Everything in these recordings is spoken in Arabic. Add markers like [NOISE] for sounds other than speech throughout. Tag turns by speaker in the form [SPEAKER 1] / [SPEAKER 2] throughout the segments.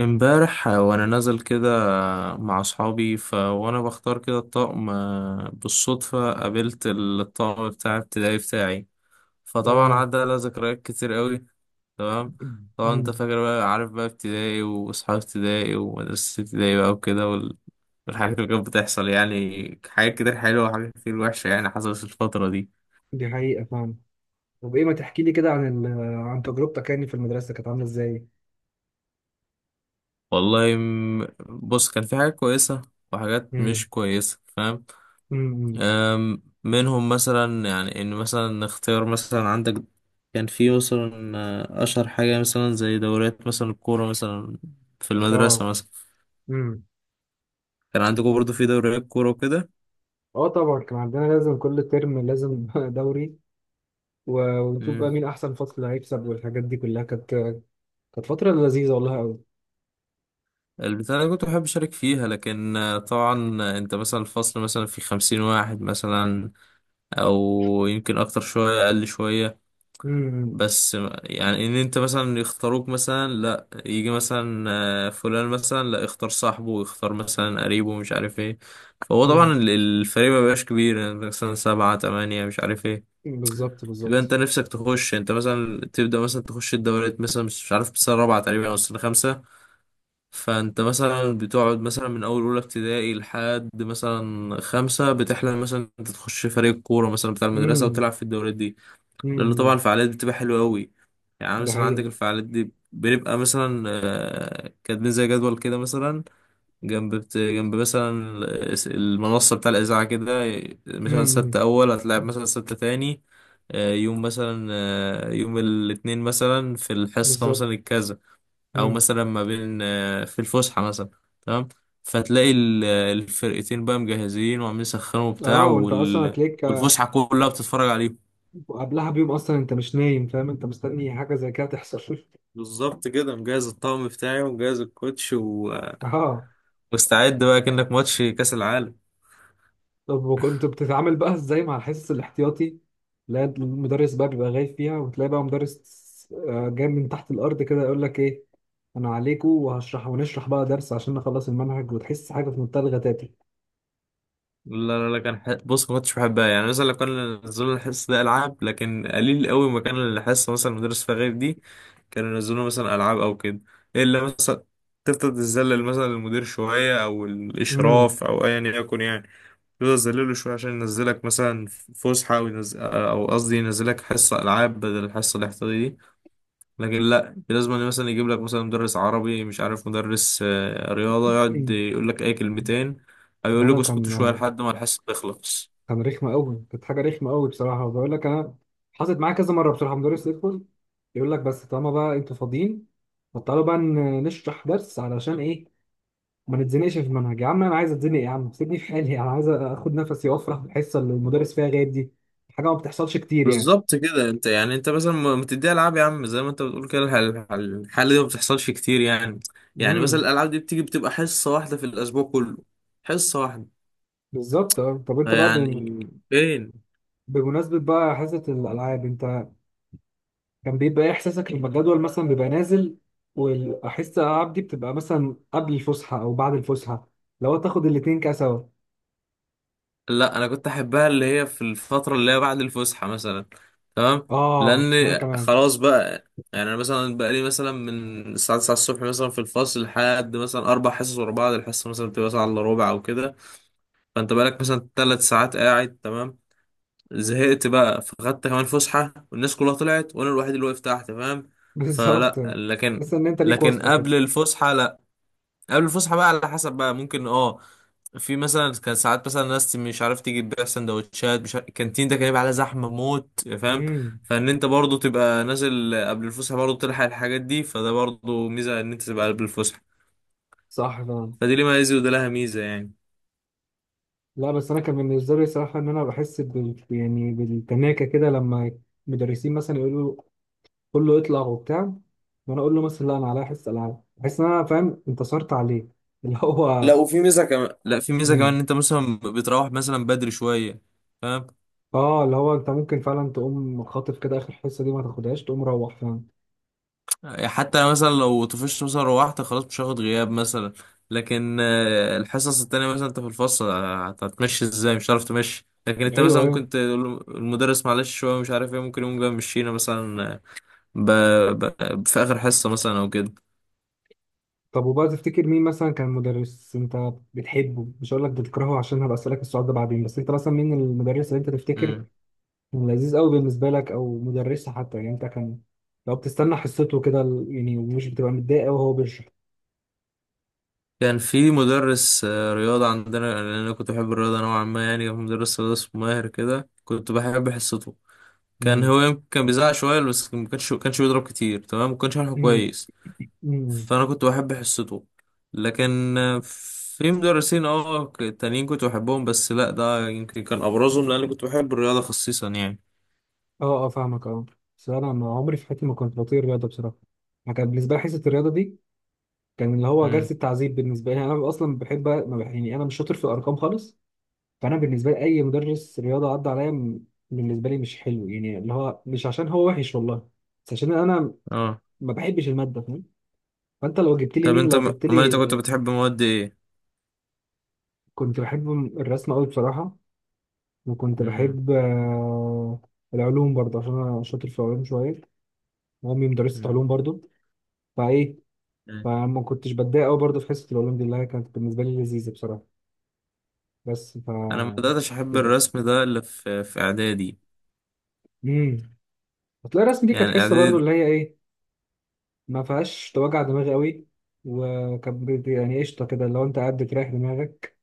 [SPEAKER 1] امبارح، وانا نازل كده، مع اصحابي. وانا بختار كده الطقم، بالصدفة قابلت الطقم بتاع ابتدائي بتاعي. فطبعا
[SPEAKER 2] اه.
[SPEAKER 1] عدى على ذكريات كتير قوي. تمام. طبعا انت
[SPEAKER 2] أمم.
[SPEAKER 1] فاكر بقى، عارف بقى ابتدائي واصحاب ابتدائي ومدرسة ابتدائي بقى وكده والحاجات اللي كانت بتحصل، يعني حاجات كتير حلوة وحاجات كتير وحشة يعني حصلت في الفترة دي.
[SPEAKER 2] دي حقيقة فعلا. طب ايه ما تحكي لي كده عن عن تجربتك يعني في المدرسة كانت عاملة ازاي؟
[SPEAKER 1] بص، كان في حاجات كويسة وحاجات
[SPEAKER 2] امم.
[SPEAKER 1] مش كويسة، فاهم.
[SPEAKER 2] امم.
[SPEAKER 1] منهم مثلا يعني ان مثلا نختار، مثلا عندك كان في مثلا، اشهر حاجه مثلا زي دوريات مثلا الكوره مثلا، في
[SPEAKER 2] اه.
[SPEAKER 1] المدرسه مثلا.
[SPEAKER 2] امم.
[SPEAKER 1] كان عندكم برضو في دوريات كوره وكده.
[SPEAKER 2] اه، طبعا كان عندنا لازم كل ترم لازم [LAUGHS] دوري و... ونشوف بقى
[SPEAKER 1] امم.
[SPEAKER 2] مين احسن فصل هيكسب، والحاجات دي كلها كانت فترة لذيذة والله قوي.
[SPEAKER 1] البتاع اللي كنت بحب اشارك فيها، لكن طبعا، انت مثلا الفصل مثلا في خمسين واحد مثلا، او يمكن اكتر شويه اقل شويه،
[SPEAKER 2] امم.
[SPEAKER 1] بس يعني ان انت مثلا يختاروك مثلا، لا يجي مثلا فلان مثلا، لا اختار صاحبه ويختار مثلا قريبه ومش عارف ايه. فهو
[SPEAKER 2] امم.
[SPEAKER 1] طبعا الفريق ما بيبقاش كبير يعني مثلا سبعة تمانية مش عارف ايه.
[SPEAKER 2] بالظبط،
[SPEAKER 1] تبقى انت
[SPEAKER 2] بالظبط.
[SPEAKER 1] نفسك تخش، انت مثلا تبدأ مثلا تخش الدوريات مثلا مش عارف السنة الرابعة تقريبا او السنة الخامسة. فانت مثلا بتقعد مثلا من اول اولى ابتدائي لحد مثلا خمسة، بتحلم مثلا انت تخش فريق كورة مثلا بتاع المدرسة
[SPEAKER 2] امم.
[SPEAKER 1] وتلعب في الدوريات دي. لأن طبعا
[SPEAKER 2] امم.
[SPEAKER 1] الفعاليات بتبقى حلوة أوي. يعني
[SPEAKER 2] ده
[SPEAKER 1] مثلا عندك
[SPEAKER 2] حقيقة.
[SPEAKER 1] الفعاليات دي بنبقى مثلا كاتبين زي جدول كده مثلا، جنب مثلا المنصة بتاع الإذاعة كده. مثلا سبت
[SPEAKER 2] امم.
[SPEAKER 1] أول هتلعب، مثلا سبت تاني، يوم مثلا، يوم الاثنين مثلا في الحصة مثلا
[SPEAKER 2] بالظبط.
[SPEAKER 1] الكذا، أو
[SPEAKER 2] امم.
[SPEAKER 1] مثلا ما بين، في الفسحة مثلا. تمام. فتلاقي الفرقتين بقى مجهزين وعاملين يسخنوا وبتاع
[SPEAKER 2] اه، وانت اصلا هتلاقيك،
[SPEAKER 1] والفسحة كلها بتتفرج عليهم.
[SPEAKER 2] وقبلها بيوم اصلا انت مش نايم، فاهم؟ انت مستني حاجه زي كده تحصل.
[SPEAKER 1] بالظبط كده، مجهز الطقم بتاعي ومجهز الكوتش و...
[SPEAKER 2] [LAUGHS] اه.
[SPEAKER 1] مستعد بقى كأنك ماتش كأس العالم.
[SPEAKER 2] طب وكنت بتتعامل بقى ازاي مع الحصص الاحتياطي؟ لا، المدرس بقى بيبقى غايب فيها، وتلاقي بقى مدرس جاي من تحت الارض كده، يقول لك ايه؟ انا عليكم وهشرح، ونشرح بقى درس عشان نخلص المنهج، وتحس حاجه في منتهى الغتاتة.
[SPEAKER 1] لا كان بص، ما كنتش بحبها، يعني مثلا لو كان نزلوا الحصة ده ألعاب، لكن قليل قوي ما كان الحصة مثلا مدرس فيها غير دي. كانوا ينزلوا مثلا ألعاب أو كده، إلا مثلا تفضل تذلل مثلا المدير شوية أو
[SPEAKER 2] امم.
[SPEAKER 1] الإشراف أو أيا يكن يعني. تفضل تذلله شوية عشان ينزلك مثلا فسحة، أو ينزل، أو قصدي ينزلك حصة ألعاب بدل الحصة الاحتياطية. لكن لا، لازم أن مثلا يجيب لك مثلا مدرس عربي مش عارف مدرس رياضة يقعد يقول لك اي كلمتين، او
[SPEAKER 2] لا،
[SPEAKER 1] يقول
[SPEAKER 2] لا.
[SPEAKER 1] لك اسكتوا شوية
[SPEAKER 2] كان
[SPEAKER 1] لحد ما الحصة تخلص.
[SPEAKER 2] كان رخمة قوي. كانت حاجة رخمة قوي بصراحة، وبقول لك أنا حصلت معايا كذا مرة بصراحة. مدرس يدخل يقول لك بس طالما بقى أنتوا فاضيين، فتعالوا بقى نشرح درس علشان إيه؟ ما نتزنقش في المنهج. يا عم أنا عايز أتزنق. يا عم سيبني في حالي، أنا عايز آخد نفسي وأفرح بالحصة اللي المدرس فيها غايب دي. حاجة ما بتحصلش كتير يعني.
[SPEAKER 1] بالظبط كده، انت يعني انت مثلا ما تديها العاب يا عم، زي ما انت بتقول كده، الحاله دي ما بتحصلش كتير يعني. يعني مثلا
[SPEAKER 2] امم.
[SPEAKER 1] الالعاب دي بتيجي بتبقى حصه واحده في الاسبوع كله، حصه واحده.
[SPEAKER 2] بالظبط. أه. طب أنت بقى
[SPEAKER 1] يعني فين.
[SPEAKER 2] بمناسبة بقى حصة الألعاب، أنت كان بيبقى ايه احساسك لما الجدول مثلا بيبقى نازل، والحصه الالعاب دي بتبقى مثلا قبل الفسحه او بعد الفسحه؟ لو تاخد الاتنين كده سوا.
[SPEAKER 1] لا، انا كنت احبها اللي هي في الفتره اللي هي بعد الفسحه مثلا. تمام.
[SPEAKER 2] اه
[SPEAKER 1] لان
[SPEAKER 2] وانا كمان.
[SPEAKER 1] خلاص بقى، يعني انا مثلا بقى لي مثلا من الساعه 9 الصبح مثلا في الفصل لحد مثلا اربع حصص ورا بعض، الحصه مثلا بتبقى ساعه الا ربع او كده، فانت بقالك مثلا ثلاث ساعات قاعد. تمام. زهقت بقى، فخدت كمان فسحه والناس كلها طلعت وانا الوحيد اللي واقف تحت، فاهم.
[SPEAKER 2] [LAUGHS] بالظبط.
[SPEAKER 1] فلا، لكن
[SPEAKER 2] تحس ان انت ليك
[SPEAKER 1] لكن
[SPEAKER 2] واسطه كده.
[SPEAKER 1] قبل الفسحه لا، قبل الفسحه بقى على حسب بقى، ممكن اه، في مثلا كان ساعات مثلا ناس مش عارف تيجي تبيع سندوتشات مش عارف، الكانتين ده كان يبقى عليه زحمه موت، فاهم.
[SPEAKER 2] امم.
[SPEAKER 1] فان انت برضو تبقى نازل قبل الفسحه، برضو تلحق الحاجات دي، فده برضو ميزه ان انت تبقى قبل الفسحه.
[SPEAKER 2] صح فعلا.
[SPEAKER 1] فدي ليه ميزه وده لها ميزه يعني.
[SPEAKER 2] لا بس انا كان بالنسبه لي صراحه ان انا بحس بال يعني بالتناكه كده لما مدرسين مثلا يقولوا كله يطلع وبتاع، وانا اقول له مثلا لا انا عليا حصه العاب. بحس ان انا، فاهم، انتصرت عليه اللي هو.
[SPEAKER 1] لا وفي ميزه كمان، لا في ميزه كمان،
[SPEAKER 2] مم.
[SPEAKER 1] ان انت مثلا بتروح مثلا بدري شويه، فاهم.
[SPEAKER 2] اه، اللي هو انت ممكن فعلا تقوم خاطف كده اخر حصه دي ما تاخدهاش، تقوم روح فعلا.
[SPEAKER 1] يعني حتى أنا مثلا لو طفشت مثلا روحت خلاص مش هاخد غياب مثلا، لكن الحصص التانية مثلا انت في الفصل هتمشي ازاي، مش هتعرف تمشي، لكن انت
[SPEAKER 2] ايوه،
[SPEAKER 1] مثلا
[SPEAKER 2] ايوه.
[SPEAKER 1] ممكن تقول المدرس معلش شوية مش عارف ايه، ممكن يقوم جاي مشينا مثلا، ب... في آخر حصة مثلا او كده.
[SPEAKER 2] طب وبقى تفتكر مين مثلا كان مدرس انت بتحبه؟ مش هقول لك بتكرهه عشان هبقى اسالك السؤال ده بعدين، بس انت مثلا مين المدرس اللي انت تفتكر
[SPEAKER 1] مم.
[SPEAKER 2] كان لذيذ قوي بالنسبه لك؟ او مدرسه حتى يعني، انت كان لو بتستنى حصته كده يعني، ومش بتبقى متضايق قوي وهو بيشرح.
[SPEAKER 1] كان في مدرس رياضة عندنا، لأن أنا كنت بحب الرياضة نوعا ما، يعني كان مدرس رياضة اسمه ماهر كده، كنت بحب حصته.
[SPEAKER 2] امم.
[SPEAKER 1] كان بيزعق شوية بس ما كانش بيضرب كتير. تمام، ما كانش شرحه
[SPEAKER 2] امم.
[SPEAKER 1] كويس،
[SPEAKER 2] امم.
[SPEAKER 1] فانا كنت بحب حصته. لكن في مدرسين اه تانيين كنت بحبهم، بس لا، ده يمكن كان ابرزهم لان كنت بحب الرياضه خصيصا يعني.
[SPEAKER 2] اه، اه، فاهمك. اه بس انا ما عمري في حياتي ما كنت بطير رياضه بصراحه. انا كان بالنسبه لي حصه الرياضه دي كان اللي هو
[SPEAKER 1] امم.
[SPEAKER 2] جلسه تعذيب بالنسبه لي. انا اصلا بحب ما يعني انا مش شاطر في الارقام خالص. فانا بالنسبه لي اي مدرس رياضه عدى عليا بالنسبه لي مش حلو يعني. اللي هو مش عشان هو وحش والله، بس عشان انا
[SPEAKER 1] اه.
[SPEAKER 2] ما بحبش الماده، فاهم؟ فانت لو جبت لي
[SPEAKER 1] طب
[SPEAKER 2] مين،
[SPEAKER 1] انت
[SPEAKER 2] لو جبت
[SPEAKER 1] امال انت
[SPEAKER 2] لي،
[SPEAKER 1] كنت بتحب مواد ايه؟
[SPEAKER 2] كنت بحب الرسم قوي بصراحه. وكنت
[SPEAKER 1] امم.
[SPEAKER 2] بحب العلوم برضه عشان انا شاطر في العلوم شويه، وامي مدرسه
[SPEAKER 1] أمم.
[SPEAKER 2] علوم برضه. فايه، فما كنتش بتضايق قوي برضه في حصه العلوم دي اللي هي كانت بالنسبه لي لذيذه بصراحه. بس ف
[SPEAKER 1] انا ما بداتش احب
[SPEAKER 2] كده.
[SPEAKER 1] الرسم ده الا في اعدادي،
[SPEAKER 2] امم. هتلاقي الرسم دي كانت
[SPEAKER 1] يعني
[SPEAKER 2] حصه برضو
[SPEAKER 1] اعدادي.
[SPEAKER 2] اللي هي ايه، ما فيهاش توجع دماغ قوي. وكان يعني قشطه كده، لو انت قاعد بتريح دماغك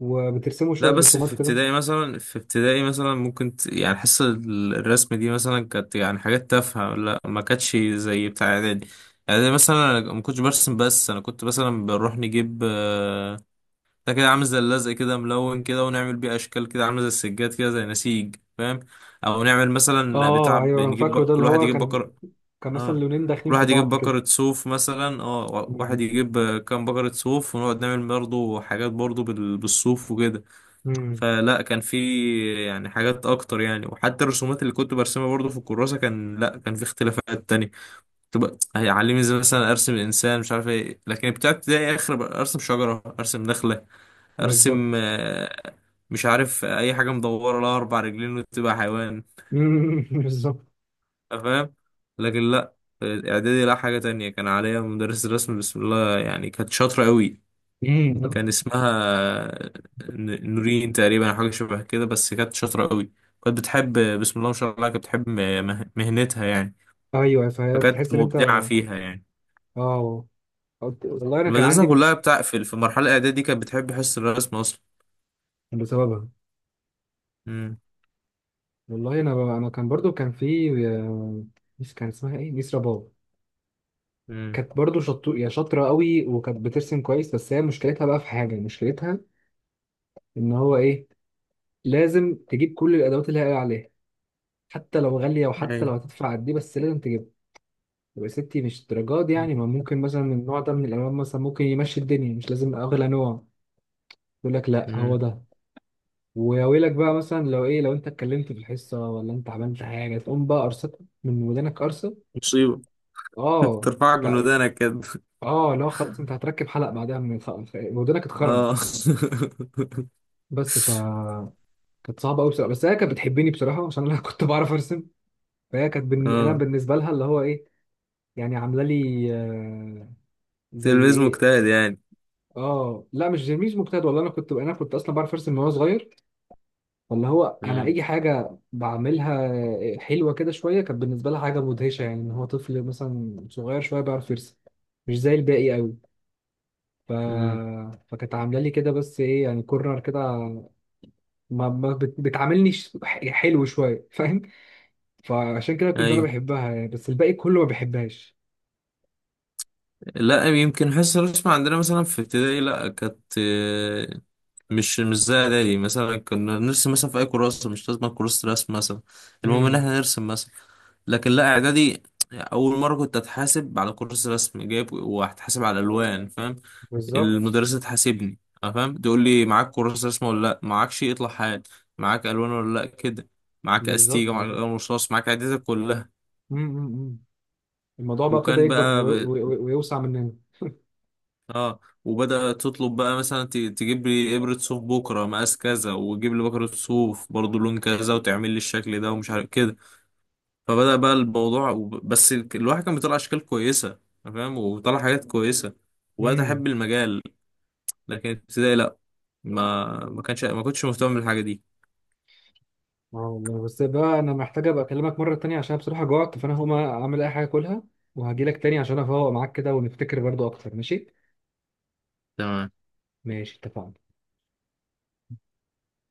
[SPEAKER 2] وبترسموا
[SPEAKER 1] لا
[SPEAKER 2] شويه
[SPEAKER 1] بس في
[SPEAKER 2] رسومات كده.
[SPEAKER 1] ابتدائي مثلا، في ابتدائي مثلا ممكن ت... يعني حصة الرسم دي مثلا كانت يعني حاجات تافهة، لا ما كانتش زي بتاع اعدادي. اعدادي مثلا انا ما كنتش برسم، بس انا كنت مثلا بنروح نجيب ده كده عامل زي اللزق كده ملون كده، ونعمل بيه اشكال كده عامله زي السجاد كده زي نسيج، فاهم. او نعمل مثلا بتاع
[SPEAKER 2] اه، ايوه انا
[SPEAKER 1] بنجيب
[SPEAKER 2] فاكره ده،
[SPEAKER 1] كل
[SPEAKER 2] اللي
[SPEAKER 1] واحد
[SPEAKER 2] هو
[SPEAKER 1] يجيب
[SPEAKER 2] كان،
[SPEAKER 1] بقرة.
[SPEAKER 2] كان مثلا
[SPEAKER 1] اه
[SPEAKER 2] لونين
[SPEAKER 1] كل
[SPEAKER 2] داخلين في
[SPEAKER 1] واحد يجيب
[SPEAKER 2] بعض كده.
[SPEAKER 1] بقرة صوف مثلا، اه واحد
[SPEAKER 2] امم.
[SPEAKER 1] يجيب كام بقرة صوف، ونقعد نعمل برضه حاجات برضه بالصوف وكده.
[SPEAKER 2] امم.
[SPEAKER 1] فلا، كان في يعني حاجات اكتر يعني، وحتى الرسومات اللي كنت برسمها برضو في الكراسه، كان لا، كان في اختلافات تانية. تبقى هيعلمني زي مثلا ارسم انسان مش عارف ايه، لكن بتاع ابتدائي اخر ارسم شجره ارسم نخله ارسم،
[SPEAKER 2] بالظبط.
[SPEAKER 1] مش عارف اي حاجه مدوره لها اربع رجلين وتبقى حيوان،
[SPEAKER 2] امم. [LAUGHS] بالظبط.
[SPEAKER 1] فاهم. لكن لا، اعدادي لا، حاجه تانية. كان عليا مدرس الرسم بسم الله يعني، كانت شاطره قوي.
[SPEAKER 2] امم.
[SPEAKER 1] كان اسمها نورين تقريبا أو حاجة شبه كده، بس كانت شاطرة قوي. كانت بتحب، بسم الله ما شاء الله، كانت بتحب مهنتها يعني،
[SPEAKER 2] ايوه،
[SPEAKER 1] فكانت
[SPEAKER 2] فتحس ان انت
[SPEAKER 1] مبدعة فيها يعني.
[SPEAKER 2] اه والله انا كان
[SPEAKER 1] المدرسة
[SPEAKER 2] عندي.
[SPEAKER 1] كلها بتاع في في المرحلة الإعدادية دي كانت بتحب حصة الرسم أصلا.
[SPEAKER 2] بسببها.
[SPEAKER 1] امم.
[SPEAKER 2] والله انا كان برضو كان في كان اسمها ايه؟ نسرة باب.
[SPEAKER 1] امم.
[SPEAKER 2] كانت برضو يعني شاطرة قوي، وكانت بترسم كويس، بس هي مشكلتها بقى في حاجة. مشكلتها إن هو إيه؟ لازم تجيب كل الأدوات اللي هي قايلة عليها، حتى لو غالية، وحتى لو
[SPEAKER 1] أيوة.
[SPEAKER 2] هتدفع قد إيه، بس لازم تجيبها. يبقى ستي، مش الدرجات دي يعني، ما ممكن مثلا النوع ده من الألوان مثلا ممكن يمشي الدنيا، مش لازم أغلى نوع. يقول لك لأ، هو
[SPEAKER 1] امم.
[SPEAKER 2] ده. ويا ويلك بقى مثلا لو إيه، لو أنت اتكلمت في الحصة، ولا أنت عملت حاجة، تقوم بقى قرصتك من ودانك قرصة.
[SPEAKER 1] مصيبة. [LAUGHS]
[SPEAKER 2] آه.
[SPEAKER 1] ترفعك من
[SPEAKER 2] طيب.
[SPEAKER 1] ودانك كده.
[SPEAKER 2] آه لا، خلاص أنت هتركب حلق بعدها، من ودانك اتخرمت.
[SPEAKER 1] اه. [LAUGHS]
[SPEAKER 2] بس ف كانت صعبه قوي بصراحه، بس هي كانت بتحبني بصراحه عشان انا [LAUGHS] كنت بعرف ارسم. فهي كانت انا
[SPEAKER 1] اه.
[SPEAKER 2] بالنسبه لها اللي هو ايه يعني، عامله لي زي
[SPEAKER 1] تلميذ
[SPEAKER 2] ايه.
[SPEAKER 1] مجتهد يعني.
[SPEAKER 2] اه لا، مش مجتهد والله. انا كنت اصلا بعرف ارسم من وانا صغير. واللي هو انا
[SPEAKER 1] امم.
[SPEAKER 2] اي حاجه بعملها حلوه كده شويه كانت بالنسبه لها حاجه مدهشه يعني، ان هو طفل مثلا صغير شويه بيعرف يرسم مش زي الباقي قوي. ف... فكانت عامله لي كده، بس ايه، يعني كورنر كده، ما بتعاملني حلو شويه، فاهم؟ فعشان كده كنت انا
[SPEAKER 1] امم.
[SPEAKER 2] بحبها يعني، بس الباقي كله ما بحبهاش.
[SPEAKER 1] لا، يمكن حصة الرسم عندنا مثلا في ابتدائي لا كانت مش مش زي اعدادي، مثلا كنا نرسم مثلا في اي كراسة، مش لازم كراسة رسم مثلا، المهم ان
[SPEAKER 2] امم.
[SPEAKER 1] احنا نرسم مثلا. لكن لا اعدادي، اول مرة كنت اتحاسب على كراسة رسم جايب، وهتحاسب على الالوان، فاهم.
[SPEAKER 2] بالظبط،
[SPEAKER 1] المدرسة تحاسبني، أنا فاهم، تقول لي معاك كراسة رسم ولا لا، معاكش اطلع حال. معاك الوان ولا لا كده، معاك استيجا
[SPEAKER 2] بالظبط
[SPEAKER 1] معاك
[SPEAKER 2] والله.
[SPEAKER 1] قلم رصاص معاك عدتك كلها.
[SPEAKER 2] امم. أمم، أمم. الموضوع بقى ابتدى
[SPEAKER 1] وكان
[SPEAKER 2] يكبر
[SPEAKER 1] بقى
[SPEAKER 2] ويوسع مننا.
[SPEAKER 1] اه، وبدأت تطلب بقى مثلا تجيب لي ابرة صوف بكرة مقاس كذا، وتجيب لي بكرة صوف برضو لون كذا وتعمل لي الشكل ده ومش عارف كده. فبدأ بقى الموضوع بس الواحد كان بيطلع اشكال كويسة، أنا فاهم، وطلع حاجات كويسة وبقيت
[SPEAKER 2] امم.
[SPEAKER 1] احب المجال. لكن ابتدائي لا، ما كنتش مهتم بالحاجة دي.
[SPEAKER 2] اه، والله بس بقى انا محتاج ابقى اكلمك مره تانية عشان بصراحه جوعت، فانا هقوم اعمل اي حاجه اكلها، وهجيلك تاني عشان افوق معاك كده ونفتكر برضو اكتر. ماشي؟
[SPEAKER 1] تمام.
[SPEAKER 2] ماشي، اتفقنا.